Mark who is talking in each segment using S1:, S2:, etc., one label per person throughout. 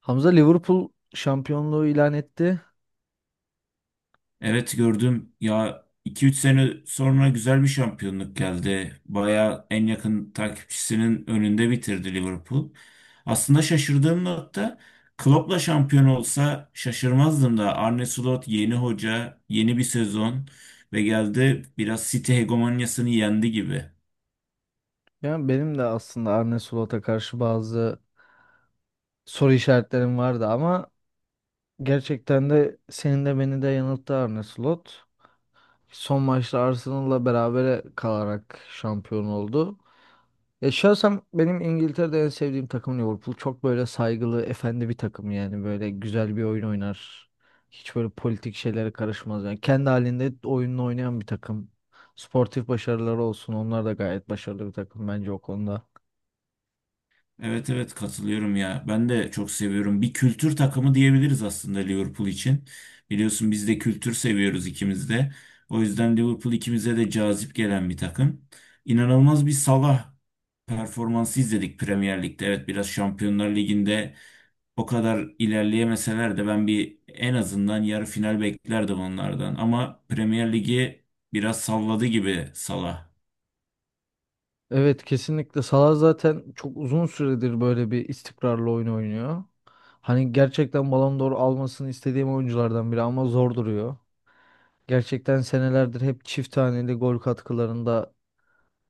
S1: Hamza Liverpool şampiyonluğu ilan etti.
S2: Evet gördüm. Ya 2-3 sene sonra güzel bir şampiyonluk geldi. Baya en yakın takipçisinin önünde bitirdi Liverpool. Aslında şaşırdığım nokta Klopp'la şampiyon olsa şaşırmazdım da Arne Slot yeni hoca, yeni bir sezon ve geldi biraz City hegemonyasını yendi gibi.
S1: Yani benim de aslında Arne Slot'a karşı bazı soru işaretlerim vardı ama gerçekten de senin de beni de yanılttı Arne Slot. Son maçta Arsenal'la berabere kalarak şampiyon oldu. Ya şahsen benim İngiltere'de en sevdiğim takım Liverpool. Çok böyle saygılı, efendi bir takım yani. Böyle güzel bir oyun oynar. Hiç böyle politik şeylere karışmaz. Yani kendi halinde oyununu oynayan bir takım. Sportif başarıları olsun. Onlar da gayet başarılı bir takım bence o konuda.
S2: Evet, evet, katılıyorum ya. Ben de çok seviyorum. Bir kültür takımı diyebiliriz aslında Liverpool için. Biliyorsun biz de kültür seviyoruz ikimiz de. O yüzden Liverpool ikimize de cazip gelen bir takım. İnanılmaz bir Salah performansı izledik Premier Lig'de. Evet biraz Şampiyonlar Ligi'nde o kadar ilerleyemeseler de ben bir en azından yarı final beklerdim onlardan. Ama Premier Lig'i biraz salladı gibi Salah.
S1: Evet, kesinlikle. Salah zaten çok uzun süredir böyle bir istikrarlı oyun oynuyor. Hani gerçekten Ballon d'Or almasını istediğim oyunculardan biri ama zor duruyor. Gerçekten senelerdir hep çift haneli gol katkılarında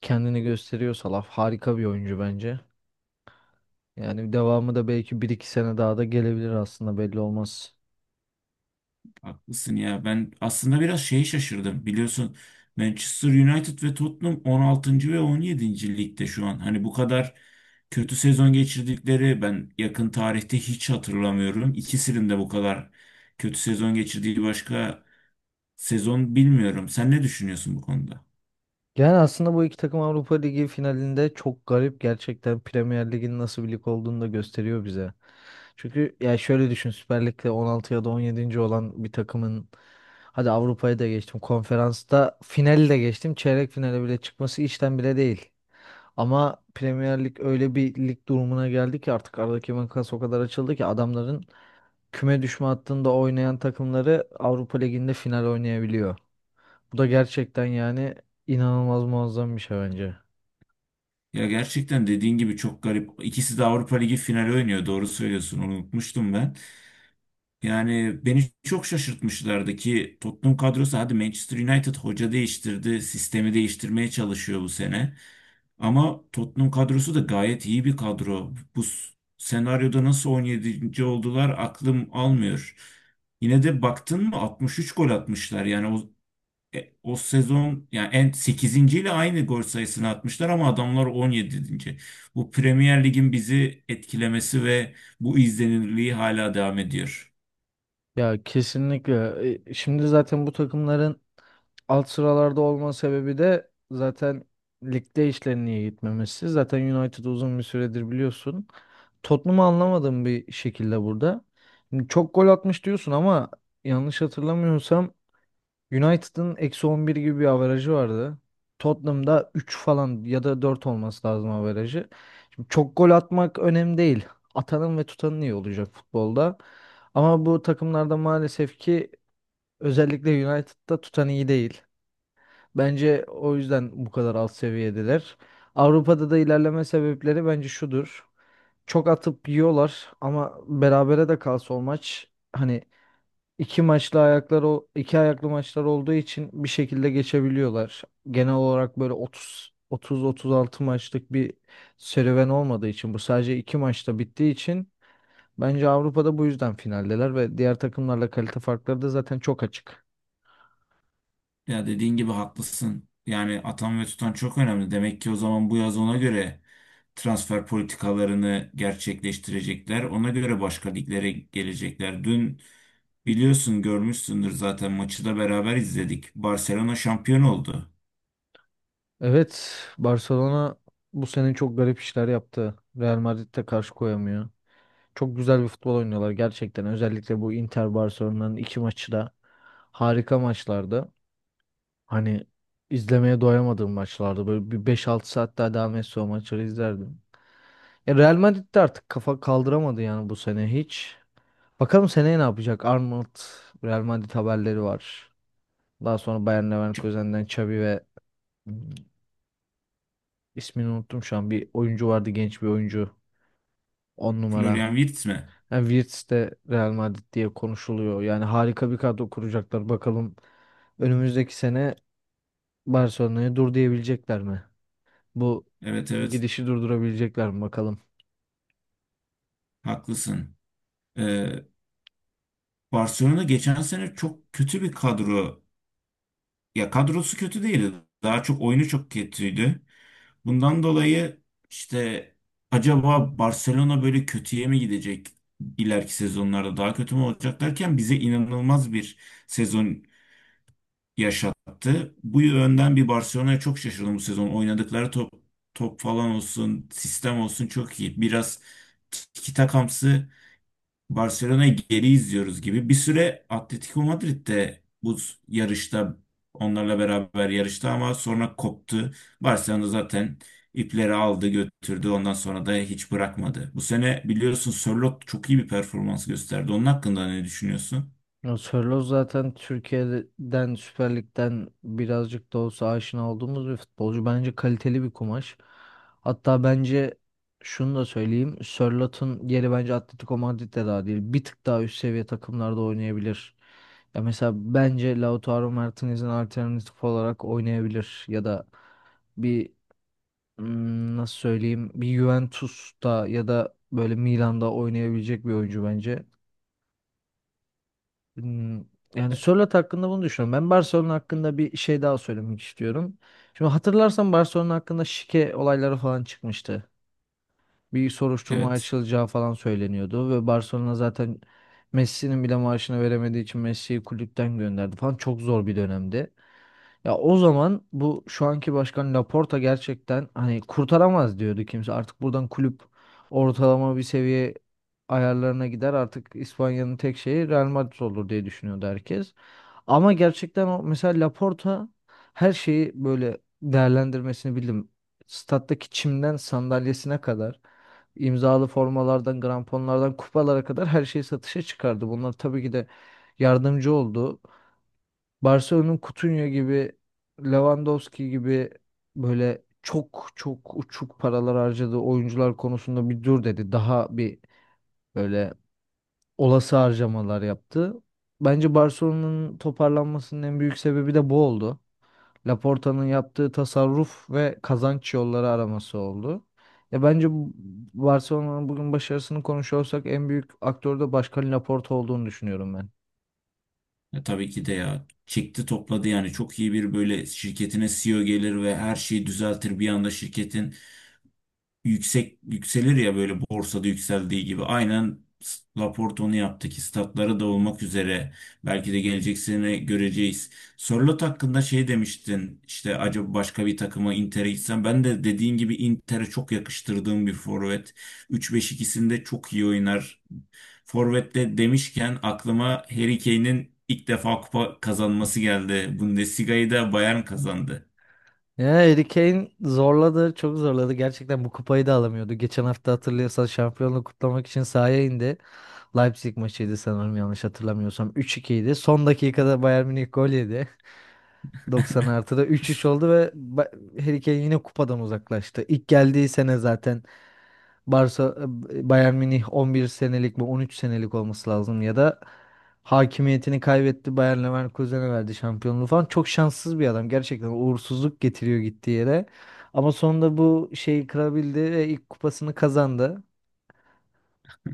S1: kendini gösteriyorsa laf harika bir oyuncu bence. Yani devamı da belki bir iki sene daha da gelebilir, aslında belli olmaz.
S2: Haklısın ya. Ben aslında biraz şeyi şaşırdım. Biliyorsun Manchester United ve Tottenham 16. ve 17. ligde şu an. Hani bu kadar kötü sezon geçirdikleri ben yakın tarihte hiç hatırlamıyorum. İkisinin de bu kadar kötü sezon geçirdiği başka sezon bilmiyorum. Sen ne düşünüyorsun bu konuda?
S1: Yani aslında bu iki takım Avrupa Ligi finalinde çok garip, gerçekten Premier Lig'in nasıl bir lig olduğunu da gösteriyor bize. Çünkü ya şöyle düşün, Süper Lig'de 16 ya da 17. olan bir takımın hadi Avrupa'yı da geçtim, konferansta finali de geçtim, çeyrek finale bile çıkması işten bile değil. Ama Premier Lig öyle bir lig durumuna geldi ki artık aradaki makas o kadar açıldı ki adamların küme düşme hattında oynayan takımları Avrupa Ligi'nde final oynayabiliyor. Bu da gerçekten yani inanılmaz, muazzam bir şey bence.
S2: Ya gerçekten dediğin gibi çok garip. İkisi de Avrupa Ligi finali oynuyor. Doğru söylüyorsun. Onu unutmuştum ben. Yani beni çok şaşırtmışlardı ki Tottenham kadrosu hadi Manchester United hoca değiştirdi, sistemi değiştirmeye çalışıyor bu sene. Ama Tottenham kadrosu da gayet iyi bir kadro. Bu senaryoda nasıl 17. oldular aklım almıyor. Yine de baktın mı 63 gol atmışlar. Yani o sezon yani en 8. ile aynı gol sayısını atmışlar ama adamlar 17. Bu Premier Lig'in bizi etkilemesi ve bu izlenirliği hala devam ediyor.
S1: Ya kesinlikle. Şimdi zaten bu takımların alt sıralarda olma sebebi de zaten ligde işlerinin iyi gitmemesi. Zaten United uzun bir süredir biliyorsun. Tottenham'ı anlamadığım bir şekilde burada. Şimdi çok gol atmış diyorsun ama yanlış hatırlamıyorsam United'ın -11 gibi bir averajı vardı. Tottenham'da 3 falan ya da 4 olması lazım averajı. Şimdi çok gol atmak önemli değil. Atanın ve tutanın iyi olacak futbolda. Ama bu takımlarda maalesef ki özellikle United'da tutan iyi değil. Bence o yüzden bu kadar alt seviyedeler. Avrupa'da da ilerleme sebepleri bence şudur. Çok atıp yiyorlar ama berabere de kalsa o maç, hani, İki maçlı ayaklar, o iki ayaklı maçlar olduğu için bir şekilde geçebiliyorlar. Genel olarak böyle otuz otuz otuz altı maçlık bir serüven olmadığı için, bu sadece iki maçta bittiği için bence Avrupa'da bu yüzden finaldeler ve diğer takımlarla kalite farkları da zaten çok açık.
S2: Ya dediğin gibi haklısın. Yani atan ve tutan çok önemli. Demek ki o zaman bu yaz ona göre transfer politikalarını gerçekleştirecekler. Ona göre başka liglere gelecekler. Dün biliyorsun görmüşsündür zaten maçı da beraber izledik. Barcelona şampiyon oldu.
S1: Evet, Barcelona bu sene çok garip işler yaptı. Real Madrid'e karşı koyamıyor. Çok güzel bir futbol oynuyorlar gerçekten. Özellikle bu Inter Barcelona'nın iki maçı da harika maçlardı. Hani izlemeye doyamadığım maçlardı. Böyle bir beş altı saat daha devam etse o maçları izlerdim. Real Madrid de artık kafa kaldıramadı yani, bu sene hiç. Bakalım seneye ne yapacak? Arnold, Real Madrid haberleri var. Daha sonra Bayer
S2: Ç-
S1: Leverkusen'den Xavi ve İsmini unuttum şu an. Bir oyuncu vardı, genç bir oyuncu. 10 numara.
S2: Florian Wirtz mi?
S1: Yani Wirtz de Real Madrid diye konuşuluyor. Yani harika bir kadro kuracaklar. Bakalım önümüzdeki sene Barcelona'ya dur diyebilecekler mi? Bu
S2: Evet, evet,
S1: gidişi durdurabilecekler mi bakalım.
S2: haklısın. Ee, Barcelona geçen sene çok kötü bir kadro. Ya kadrosu kötü değildi. Daha çok oyunu çok kötüydü. Bundan dolayı işte acaba Barcelona böyle kötüye mi gidecek ileriki sezonlarda daha kötü mü olacak derken bize inanılmaz bir sezon yaşattı. Bu yönden bir Barcelona'ya çok şaşırdım bu sezon. Oynadıkları top top falan olsun, sistem olsun çok iyi. Biraz tiki takamsı Barcelona'yı geri izliyoruz gibi. Bir süre Atletico Madrid de bu yarışta onlarla beraber yarıştı ama sonra koptu. Barcelona zaten ipleri aldı götürdü. Ondan sonra da hiç bırakmadı. Bu sene biliyorsun Sörloth çok iyi bir performans gösterdi. Onun hakkında ne düşünüyorsun?
S1: Ya Sörloth zaten Türkiye'den Süper Lig'den birazcık da olsa aşina olduğumuz bir futbolcu. Bence kaliteli bir kumaş. Hatta bence şunu da söyleyeyim, Sörloth'un yeri bence Atletico Madrid'de daha değil. Bir tık daha üst seviye takımlarda oynayabilir. Ya mesela bence Lautaro Martinez'in alternatif olarak oynayabilir. Ya da bir nasıl söyleyeyim, bir Juventus'ta ya da böyle Milan'da oynayabilecek bir oyuncu bence. Hmm, Yani
S2: E-
S1: Sörloth hakkında bunu düşünüyorum. Ben Barcelona hakkında bir şey daha söylemek istiyorum. Şimdi hatırlarsan Barcelona hakkında şike olayları falan çıkmıştı. Bir soruşturma
S2: Evet.
S1: açılacağı falan söyleniyordu ve Barcelona zaten Messi'nin bile maaşını veremediği için Messi'yi kulüpten gönderdi falan. Çok zor bir dönemdi. Ya o zaman bu şu anki başkan Laporta, gerçekten hani kurtaramaz diyordu kimse. Artık buradan kulüp ortalama bir seviye ayarlarına gider, artık İspanya'nın tek şeyi Real Madrid olur diye düşünüyordu herkes. Ama gerçekten o mesela Laporta her şeyi böyle değerlendirmesini bildim. Stat'taki çimden sandalyesine kadar, imzalı formalardan, gramponlardan, kupalara kadar her şeyi satışa çıkardı. Bunlar tabii ki de yardımcı oldu. Barcelona'nın Coutinho gibi, Lewandowski gibi böyle çok çok uçuk paralar harcadığı oyuncular konusunda bir dur dedi. Daha bir böyle olası harcamalar yaptı. Bence Barcelona'nın toparlanmasının en büyük sebebi de bu oldu. Laporta'nın yaptığı tasarruf ve kazanç yolları araması oldu. Ya bence bu- Barcelona'nın bugün başarısını konuşuyorsak en büyük aktör de Başkan Laporta olduğunu düşünüyorum ben.
S2: E, tabii ki de ya. Çekti topladı yani çok iyi bir böyle şirketine CEO gelir ve her şeyi düzeltir bir anda şirketin yüksek yükselir ya böyle borsada yükseldiği gibi. Aynen yaptık onu da olmak üzere belki de gelecek sene göreceğiz. Sörloth hakkında şey demiştin işte acaba başka bir takıma Inter'e gitsem ben de dediğin gibi Inter'e çok yakıştırdığım bir forvet. 3 5 ikisinde çok iyi oynar. Forvet'te demişken aklıma Harry Kane'in ilk defa kupa kazanması geldi. Bundesliga'yı da Bayern kazandı.
S1: Ya Harry Kane zorladı, çok zorladı. Gerçekten bu kupayı da alamıyordu. Geçen hafta hatırlıyorsan şampiyonluğu kutlamak için sahaya indi. Leipzig maçıydı sanırım, yanlış hatırlamıyorsam. Üç 2 idi. Son dakikada Bayern Münih gol yedi. 90 artıda 3-3 oldu ve Harry Kane yine kupadan uzaklaştı. İlk geldiği sene zaten Barça Bayern Münih 11 senelik mi 13 senelik olması lazım, ya da hakimiyetini kaybetti, Bayer Leverkusen'e verdi şampiyonluğu falan. Çok şanssız bir adam. Gerçekten uğursuzluk getiriyor gittiği yere. Ama sonunda bu şeyi kırabildi ve ilk kupasını kazandı.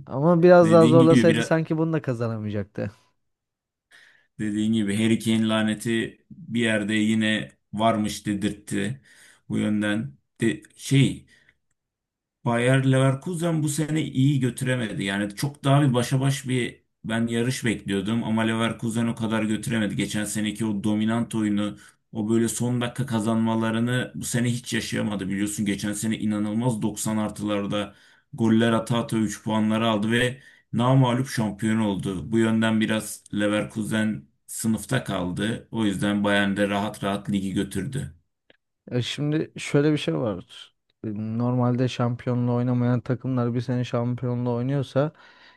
S1: Ama biraz daha
S2: Dediğin gibi
S1: zorlasaydı
S2: biraz
S1: sanki bunu da kazanamayacaktı.
S2: Dediğin gibi Harry Kane laneti bir yerde yine varmış dedirtti. Bu yönden de şey Bayer Leverkusen bu sene iyi götüremedi. Yani çok daha bir başa baş bir ben yarış bekliyordum ama Leverkusen o kadar götüremedi. Geçen seneki o dominant oyunu, o böyle son dakika kazanmalarını bu sene hiç yaşayamadı. Biliyorsun geçen sene inanılmaz 90 artılarda goller ata ata 3 puanları aldı ve namağlup şampiyon oldu. Bu yönden biraz Leverkusen sınıfta kaldı. O yüzden Bayern de rahat rahat ligi götürdü.
S1: Şimdi şöyle bir şey var. E, Normalde şampiyonla oynamayan takımlar bir sene şampiyonla oynuyorsa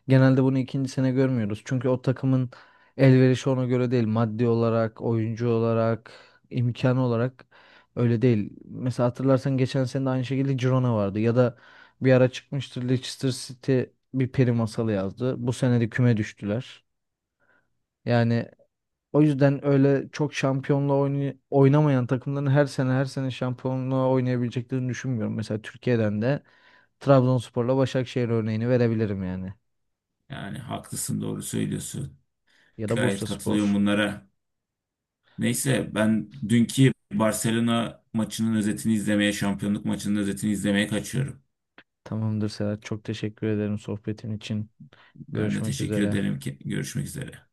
S1: genelde bunu ikinci sene görmüyoruz. Çünkü o takımın elverişi ona göre değil. Maddi olarak, oyuncu olarak, imkan olarak öyle değil. Mesela hatırlarsan geçen sene de aynı şekilde Girona vardı. Ya da bir ara çıkmıştır, Leicester City bir peri masalı yazdı. Bu sene de küme düştüler. Yani o yüzden öyle çok şampiyonla oynamayan takımların her sene her sene şampiyonluğa oynayabileceklerini düşünmüyorum. Mesela Türkiye'den de Trabzonspor'la Başakşehir örneğini verebilirim yani.
S2: Yani haklısın doğru söylüyorsun.
S1: Ya da
S2: Gayet
S1: Bursaspor.
S2: katılıyorum bunlara. Neyse ben dünkü Barcelona maçının özetini izlemeye, şampiyonluk maçının özetini izlemeye kaçıyorum.
S1: Tamamdır Serhat. Çok teşekkür ederim sohbetin için.
S2: Ben de
S1: Görüşmek
S2: teşekkür
S1: üzere.
S2: ederim ki görüşmek üzere.